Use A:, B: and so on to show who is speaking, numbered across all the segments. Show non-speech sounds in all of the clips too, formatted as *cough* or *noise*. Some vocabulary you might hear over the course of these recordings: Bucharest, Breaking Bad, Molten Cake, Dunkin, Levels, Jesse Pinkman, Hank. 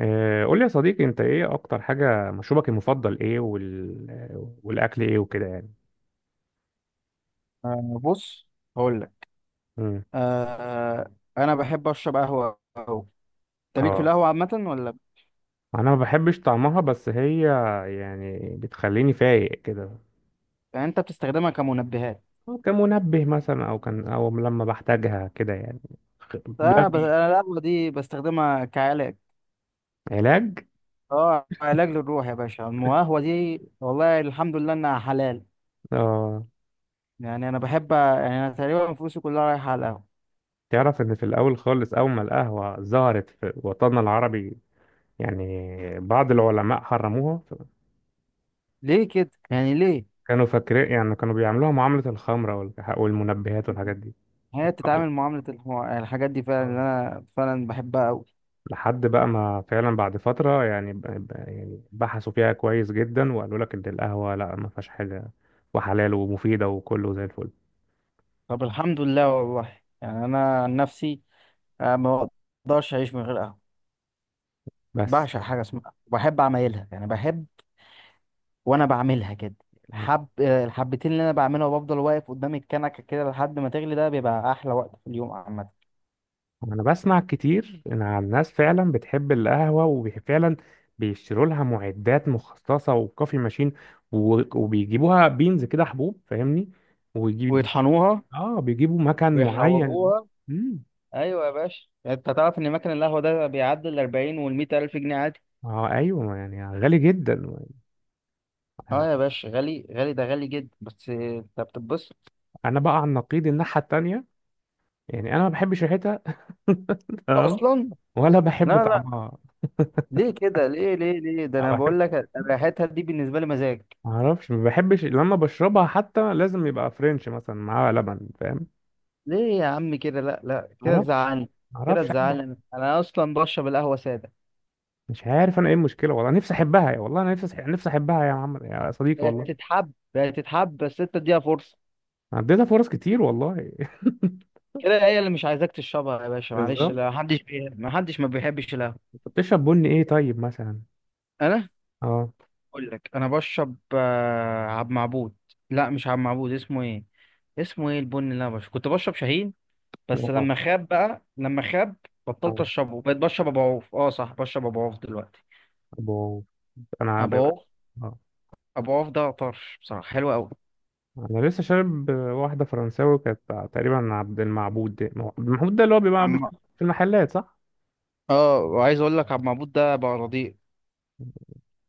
A: قول لي يا صديقي، انت ايه اكتر حاجة؟ مشروبك المفضل ايه والاكل ايه وكده يعني.
B: آه، بص، هقول لك.
A: امم
B: آه انا بحب اشرب قهوه أوي. انت ليك في
A: اه،
B: القهوه عامه ولا
A: انا ما بحبش طعمها، بس هي يعني بتخليني فايق كده.
B: يعني؟ انت بتستخدمها كمنبهات؟
A: أو كمنبه مثلا، او كان، او لما بحتاجها كده يعني. بلان
B: لا، بس
A: بي.
B: انا القهوه دي بستخدمها كعلاج.
A: علاج؟
B: اه، علاج للروح يا باشا. القهوه دي والله الحمد لله انها حلال.
A: اه،
B: يعني انا بحب، يعني انا تقريبا فلوسي كلها رايحه على القهوه.
A: تعرف ان في الاول خالص، اول ما القهوة ظهرت في وطننا العربي، يعني بعض العلماء حرموها.
B: ليه كده يعني؟ ليه؟
A: كانوا فاكرين، يعني كانوا بيعملوها معاملة الخمرة والمنبهات والحاجات
B: هي بتتعامل معامله الحاجات دي فعلا اللي
A: دي.
B: انا فعلا بحبها قوي.
A: لحد بقى ما فعلا بعد فترة يعني، يعني بحثوا فيها كويس جدا، وقالوا لك إن القهوة لا، ما فيهاش حاجة، وحلال ومفيدة وكله زي الفل.
B: طب الحمد لله والله. يعني انا عن نفسي، ما اقدرش اعيش من غير قهوه.
A: بس
B: بعشق حاجه اسمها، وبحب اعملها، يعني بحب. وانا بعملها كده، الحبتين اللي انا بعملها، وبفضل واقف قدام الكنكه كده لحد ما تغلي، ده بيبقى احلى وقت في اليوم عامه.
A: أنا بسمع كتير إن عن ناس فعلا بتحب القهوة، وفعلا بيشتروا لها معدات مخصصة وكوفي ماشين، وبيجيبوها بينز كده، حبوب، فاهمني؟ ويجيب،
B: ويطحنوها
A: آه، بيجيبوا مكان *laughs* معين.
B: ويحوجوها.
A: مم.
B: ايوه يا باشا، انت تعرف ان مكان القهوه ده بيعدي ال 40 وال 100 الف جنيه عادي.
A: اه ايوه، يعني غالي جدا.
B: اه يا باشا، غالي غالي، ده غالي جدا، بس انت بتتبسط
A: انا بقى على النقيض، الناحيه التانيه. يعني انا ما بحبش ريحتها، اه،
B: اصلا.
A: ولا
B: لا
A: بحب
B: لا،
A: طعمها.
B: ليه كده؟ ليه ليه ليه؟ ده
A: ما
B: انا
A: بحب،
B: بقول لك ريحتها دي بالنسبه لي مزاج.
A: ما اعرفش، ما بحبش لما بشربها، حتى لازم يبقى فرنش مثلا معاها لبن، فاهم؟
B: ليه يا عم كده؟ لا لا،
A: ما
B: كده
A: اعرفش،
B: تزعلني،
A: ما
B: كده
A: اعرفش أعمل-
B: تزعلني. انا اصلا بشرب القهوه ساده.
A: مش عارف انا ايه المشكله والله. نفسي احبها يا والله، انا نفسي نفسي احبها يا محمد يا صديقي
B: هي
A: والله.
B: تتحب، هي تتحب، بس انت اديها فرصه.
A: عديتها فرص كتير والله.
B: كده هي اللي مش عايزاك تشربها يا
A: *laughs*
B: باشا، معلش.
A: بالظبط.
B: لا، محدش ما بيحبش القهوه.
A: انت بتشرب بني ايه طيب مثلا؟
B: انا
A: اه.
B: اقول لك، انا بشرب عبد معبود. لا مش عبد معبود، اسمه ايه؟ اسمه ايه البن اللي انا بشرب؟ كنت بشرب شاهين، بس
A: اه.
B: لما خاب بقى، لما خاب بطلت
A: آه.
B: اشربه، بقيت بشرب ابو عوف. اه صح، بشرب ابو عوف دلوقتي.
A: أبو- انا
B: ابو
A: ب-
B: عوف،
A: اه،
B: ابو عوف ده طرش بصراحه، حلو قوي.
A: انا لسه شارب واحده فرنساوي كانت، تقريبا عبد المعبود. ده هو عبد المعبود ده اللي هو بيبقى في المحلات، صح؟
B: اه، وعايز اقول لك عبد المعبود ده بقى رديء،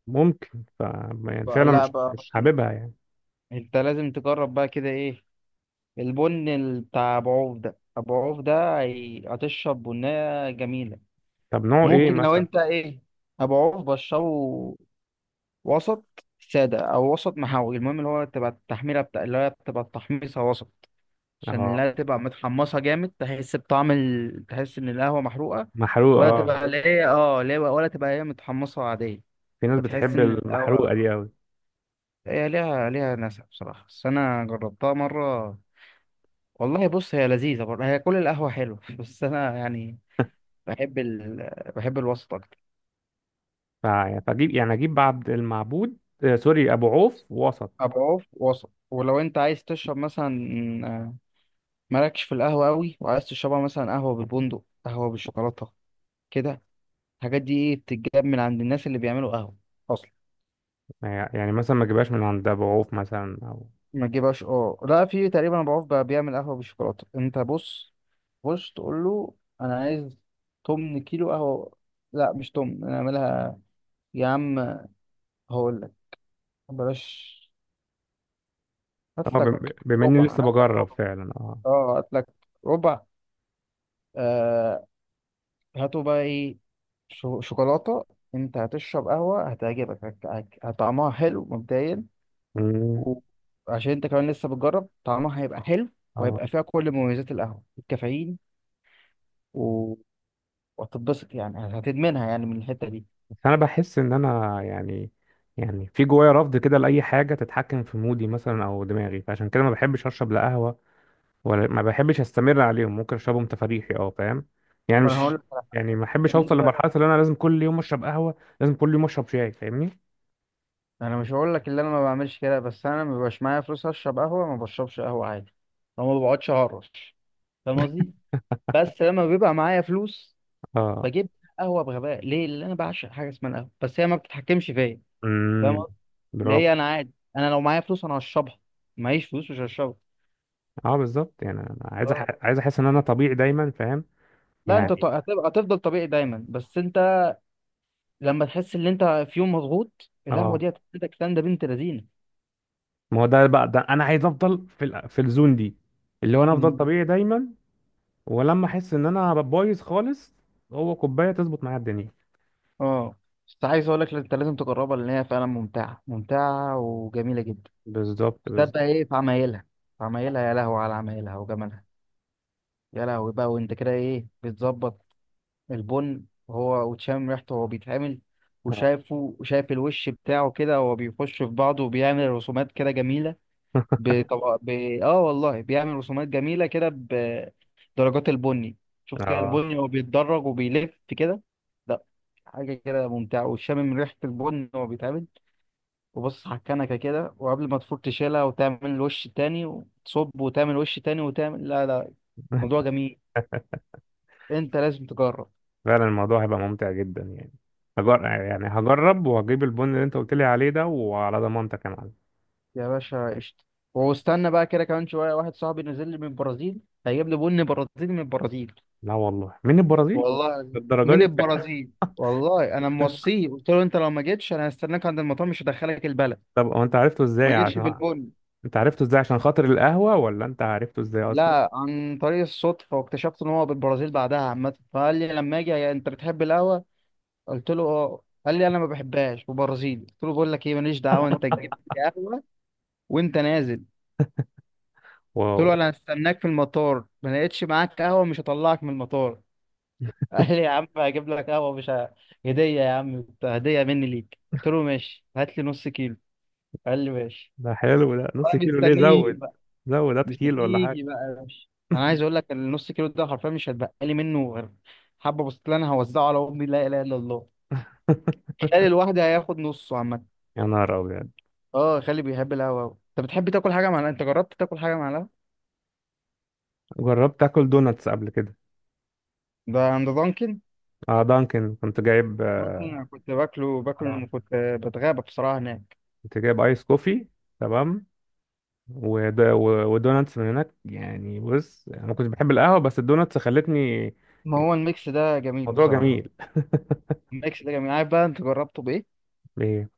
A: ممكن ف، يعني
B: بقى،
A: فعلا
B: لا بقى
A: مش
B: رديء.
A: حاببها يعني.
B: انت لازم تجرب بقى كده ايه، البن بتاع ابو عوف ده. ابو عوف ده هتشرب بنية جميلة.
A: طب نوع ايه
B: ممكن
A: ممكن
B: لو
A: مثلا؟
B: انت ايه، ابو عوف بشره، وسط سادة او وسط محاوي. المهم اللي هو تبقى التحميرة بتاع، اللي هي بتبقى التحميصة وسط، عشان
A: اه،
B: لا تبقى متحمصة جامد، تحس بطعم تحس ان القهوة محروقة،
A: محروقه
B: ولا
A: اه.
B: تبقى اللي هي، اه، ولا تبقى هي متحمصة عادية،
A: في ناس
B: فتحس
A: بتحب
B: ان
A: المحروقه
B: القهوة،
A: دي قوي.
B: هي ليها، ليها ناسها بصراحة. بس أنا جربتها مرة والله. بص، هي لذيذة برضه، هي كل القهوة حلوة. *laughs* بس أنا يعني، بحب بحب الوسط أكتر.
A: يعني، فاجيب، اجيب عبد المعبود، سوري، ابو عوف وسط.
B: أبقى عوف وسط. ولو أنت عايز تشرب مثلا، آه، مالكش في القهوة أوي وعايز تشربها، مثلا قهوة بالبندق، قهوة بالشوكولاتة كده، الحاجات دي إيه بتتجاب من عند الناس اللي بيعملوا قهوة أصلا.
A: يعني مثلا ما اجيبهاش من عند ابو عوف مثلا او؟
B: ما تجيبهاش، اه لا، في تقريبا ابو عوف بقى بيعمل قهوه بالشوكولاته. انت بص، بص تقول له: انا عايز تمن كيلو قهوه. لا مش تمن، انا اعملها. يا عم هقول لك، بلاش،
A: اه،
B: هات لك
A: بما اني
B: ربع،
A: لسه
B: هات لك
A: بجرب
B: ربع.
A: فعلا، اه.
B: اه، هات لك ربع. آه، هاتوا بقى ايه، شوكولاته. انت هتشرب قهوه هتعجبك، هطعمها حلو مبدئيا.
A: مم.
B: وعشان انت كمان لسه بتجرب، طعمها هيبقى حلو،
A: اه
B: وهيبقى فيها كل مميزات القهوه، الكافيين، وهتتبسط يعني، هتدمنها يعني من الحتة دي.
A: بس انا بحس ان انا يعني، يعني في جوايا رفض كده لاي حاجه تتحكم في مودي مثلا او دماغي. فعشان كده ما بحبش اشرب لا قهوه ولا، ما بحبش استمر عليهم. ممكن اشربهم تفريحي، اه، فاهم؟ يعني آه.
B: ما انا هقول
A: مش
B: لك على حاجة.
A: يعني، ما احبش اوصل
B: انت،
A: لمرحله اللي انا لازم كل يوم اشرب قهوه، لازم كل يوم اشرب شاي، فاهمني؟
B: انا مش هقول لك اللي انا ما بعملش كده، بس انا ما بيبقاش معايا فلوس اشرب قهوة ما بشربش قهوة عادي، او ما بقعدش هرش، فاهم قصدي؟ بس لما بيبقى معايا فلوس
A: اه.
B: بجيب قهوة، بغباء ليه، اللي انا بعشق حاجة اسمها القهوة، بس هي ما بتتحكمش فيا، فاهم
A: امم
B: قصدي؟ اللي
A: برافو.
B: هي انا عادي، انا لو معايا فلوس انا هشربها، معيش فلوس مش هشربها.
A: اه بالظبط، يعني انا عايز
B: اه.
A: عايز احس ان انا طبيعي دايما، فاهم؟
B: لا انت
A: يعني
B: هتبقى، هتفضل طبيعي دايما، بس انت لما تحس ان انت في يوم مضغوط، القهوة
A: اه.
B: دي هتديك سندة بنت لذينة.
A: ما هو ده بقى، ده انا عايز افضل في الزون دي، اللي هو انا
B: مم.
A: افضل طبيعي دايما. ولما احس ان انا بايظ خالص، هو كوبايه تظبط معايا الدنيا.
B: اه، بس عايز اقول لك انت لازم تجربها، لان هي فعلا ممتعه ممتعه وجميله جدا.
A: بالظبط،
B: ده بقى
A: بالظبط.
B: ايه في عمايلها، في عمايلها، يا لهو على عمايلها وجمالها. يا لهوي بقى، وانت كده ايه بتظبط البن، وهو وتشم ريحته وهو بيتعمل،
A: اه.
B: وشايفه، وشايف الوش بتاعه كده وهو بيخش في بعضه وبيعمل رسومات كده جميله،
A: *laughs*
B: بطبق ب... اه والله بيعمل رسومات جميلة كده بدرجات البني. شوف كده
A: اه
B: البني وهو بيتدرج وبيلف كده. لا، حاجة كده ممتعة، وشامم ريحة البن وهو بيتعمل، وبص على الكنكة كده، وقبل ما تفور تشيلها وتعمل الوش التاني وتصب وتعمل وش تاني وتعمل، لا لا، موضوع جميل، انت لازم تجرب.
A: فعلا، الموضوع هيبقى ممتع جدا يعني. يعني هجرب، وهجيب البن اللي انت قلت لي عليه ده، وعلى ضمانتك يا معلم.
B: يا باشا قشطة. واستنى بقى كده كمان شوية، واحد صاحبي نزل لي من البرازيل، هيجيب لي بن برازيلي من البرازيل.
A: لا والله، من البرازيل؟
B: والله
A: الدرجة
B: من
A: دي؟
B: البرازيل. والله انا
A: *laughs*
B: موصيه، قلت له: انت لو ما جيتش انا هستناك عند المطار، مش هدخلك البلد
A: طب هو انت عرفته
B: ما
A: ازاي
B: جيتش
A: عشان
B: بالبن.
A: *laughs* انت عرفته ازاي عشان خاطر القهوة، ولا انت عرفته ازاي اصلا؟
B: لا، عن طريق الصدفه، واكتشفت ان هو بالبرازيل بعدها عامه. فقال لي لما اجي: يا انت بتحب القهوه؟ قلت له: اه. قال لي: انا ما بحبهاش، وبرازيلي. قلت له: بقول لك ايه، ماليش دعوه، انت جبت
A: *laughs*
B: لي قهوه وانت نازل. قلت
A: واو.
B: له: انا هستناك في المطار، ما لقيتش معاك قهوه مش هطلعك من المطار. *laughs* قال لي: يا عم هجيب لك قهوه، مش ه- هديه يا عم، هديه مني ليك. قلت له: ماشي، هات لي نص كيلو. قال لي: ماشي.
A: ده حلو، ده نص
B: انا
A: كيلو ليه؟
B: مستنيه يجي
A: زود،
B: بقى،
A: زود، هات كيلو ولا
B: مستنيه
A: حاجة.
B: يجي بقى يا باشا. انا عايز اقول لك، النص كيلو ده حرفيا مش هتبقى لي منه غير حبه، بسطلين هوزعه على امي، لا اله الا الله.
A: *laughs*
B: خالي الواحد هياخد نصه عامه.
A: يا نهار أبيض.
B: اه، خالي بيحب القهوه أوي. انت بتحب تاكل حاجه مع القهوة؟ انت جربت تاكل حاجه مع القهوه؟
A: جربت آكل دوناتس قبل كده.
B: ده عند دانكن؟
A: اه دانكن، كنت جايب.
B: دانكن انا كنت باكله،
A: آه،
B: باكل، كنت بتغابى بصراحه هناك.
A: كنت جايب آيس كوفي، تمام، ودوناتس من هناك. يعني بص انا كنت بحب القهوه، بس الدوناتس خلتني.
B: ما هو الميكس ده جميل
A: الموضوع
B: بصراحه.
A: جميل.
B: الميكس ده جميل، عارف بقى انت جربته بايه؟
A: ايه؟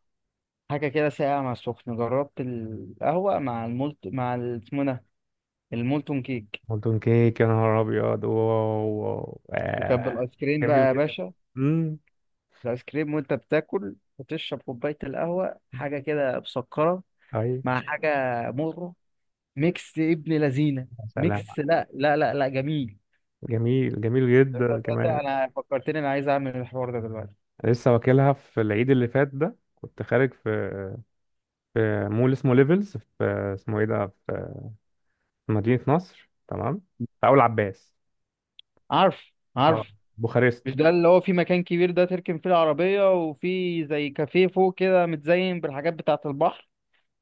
B: حاجه كده ساقعه مع سخن. جربت القهوه مع المولت، اسمه ده، المولتون كيك.
A: مولتون كيك؟ يا نهار ابيض، واو واو
B: وكبد
A: آه.
B: الايس كريم
A: جميل
B: بقى يا
A: جدا.
B: باشا.
A: امم.
B: الايس كريم وانت بتاكل وتشرب كوبايه القهوه، حاجه كده مسكره.
A: طيب.
B: مع حاجه، مره، ميكس ابن لذينه.
A: يا سلام.
B: ميكس، لا لا لا لا، جميل.
A: جميل، جميل جدا
B: تصدق
A: كمان.
B: انا فكرتني، انا عايز اعمل الحوار ده دلوقتي.
A: لسه واكلها في العيد اللي فات، ده كنت خارج في، في مول اسمه ليفلز في، اسمه ايه ده، في مدينه نصر، تمام، في اول عباس.
B: عارف،
A: اه
B: عارف.
A: بوخارست.
B: مش ده اللي هو في مكان كبير، ده تركن فيه العربيه وفي زي كافيه فوق كده متزين بالحاجات بتاعه البحر،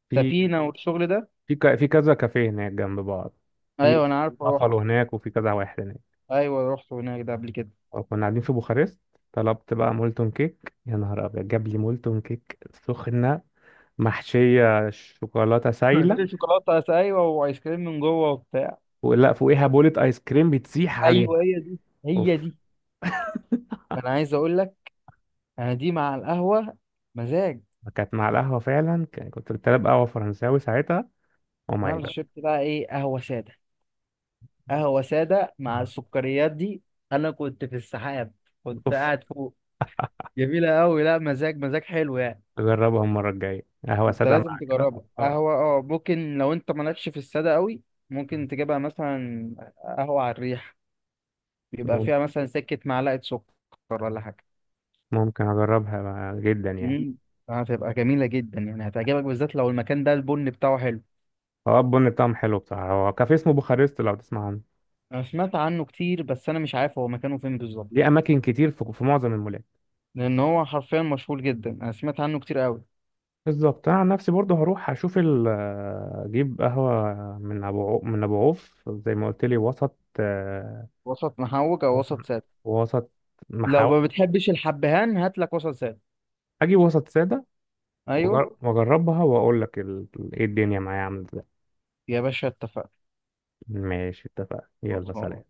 A: في
B: سفينه والشغل ده؟
A: في كذا كافيه هناك جنب بعض. في
B: ايوه انا عارف، روحت.
A: بافالو هناك، وفي كذا واحد هناك.
B: ايوه روحت هناك ده قبل كده.
A: وكنا قاعدين في بوخارست. طلبت بقى مولتون كيك، يا نهار ابيض، جاب لي مولتون كيك سخنه، محشيه شوكولاته
B: *laughs*
A: سايله،
B: شوكولاته، ايوه، وايس كريم من جوه وبتاع.
A: ولا فوقيها بولة ايس كريم بتسيح عليها.
B: ايوه هي دي، هي
A: اوف.
B: دي. انا عايز اقول لك، انا دي مع القهوه مزاج.
A: كانت مع القهوه فعلا، كنت طالب قهوه فرنساوي ساعتها. او
B: انا
A: ماي
B: اللي
A: جاد.
B: شربت بقى ايه، قهوه ساده، قهوه ساده مع
A: آه.
B: السكريات دي. انا كنت في السحاب، كنت
A: اوف.
B: قاعد فوق. جميله قوي، لا مزاج، مزاج حلو يعني.
A: اجربها المره الجايه قهوه
B: انت
A: ساده
B: لازم
A: مع كده.
B: تجربها
A: آه.
B: قهوه. اه ممكن لو انت مالكش في الساده قوي، ممكن تجيبها مثلا قهوه على الريح، بيبقى فيها مثلا سكه معلقه سكر ولا حاجه.
A: ممكن اجربها جدا يعني.
B: امم، هتبقى جميله جدا يعني، هتعجبك، بالذات لو المكان ده البن بتاعه حلو.
A: اه البن بتاعهم حلو بصراحة، هو كافيه اسمه بوخارست، لو تسمع عنه.
B: انا سمعت عنه كتير، بس انا مش عارف هو مكانه فين بالظبط.
A: ليه أماكن كتير في، في معظم المولات.
B: لان هو حرفيا مشهور جدا، انا سمعت عنه كتير قوي.
A: بالظبط. أنا عن نفسي برضه هروح أشوف ال، أجيب قهوة من من أبو عوف زي ما قلت لي، وسط،
B: وسط محوج او
A: وسط،
B: وسط سادس.
A: وسط
B: لو ما
A: محاور.
B: بتحبش الحبهان، هات لك وسط سادس.
A: أجيب وسط سادة
B: ايوه
A: وأجربها، وأقول لك إيه الدنيا معايا عاملة إزاي.
B: يا باشا، اتفقنا.
A: ماشي، اتفقنا، يلا
B: خلصان.
A: سلام.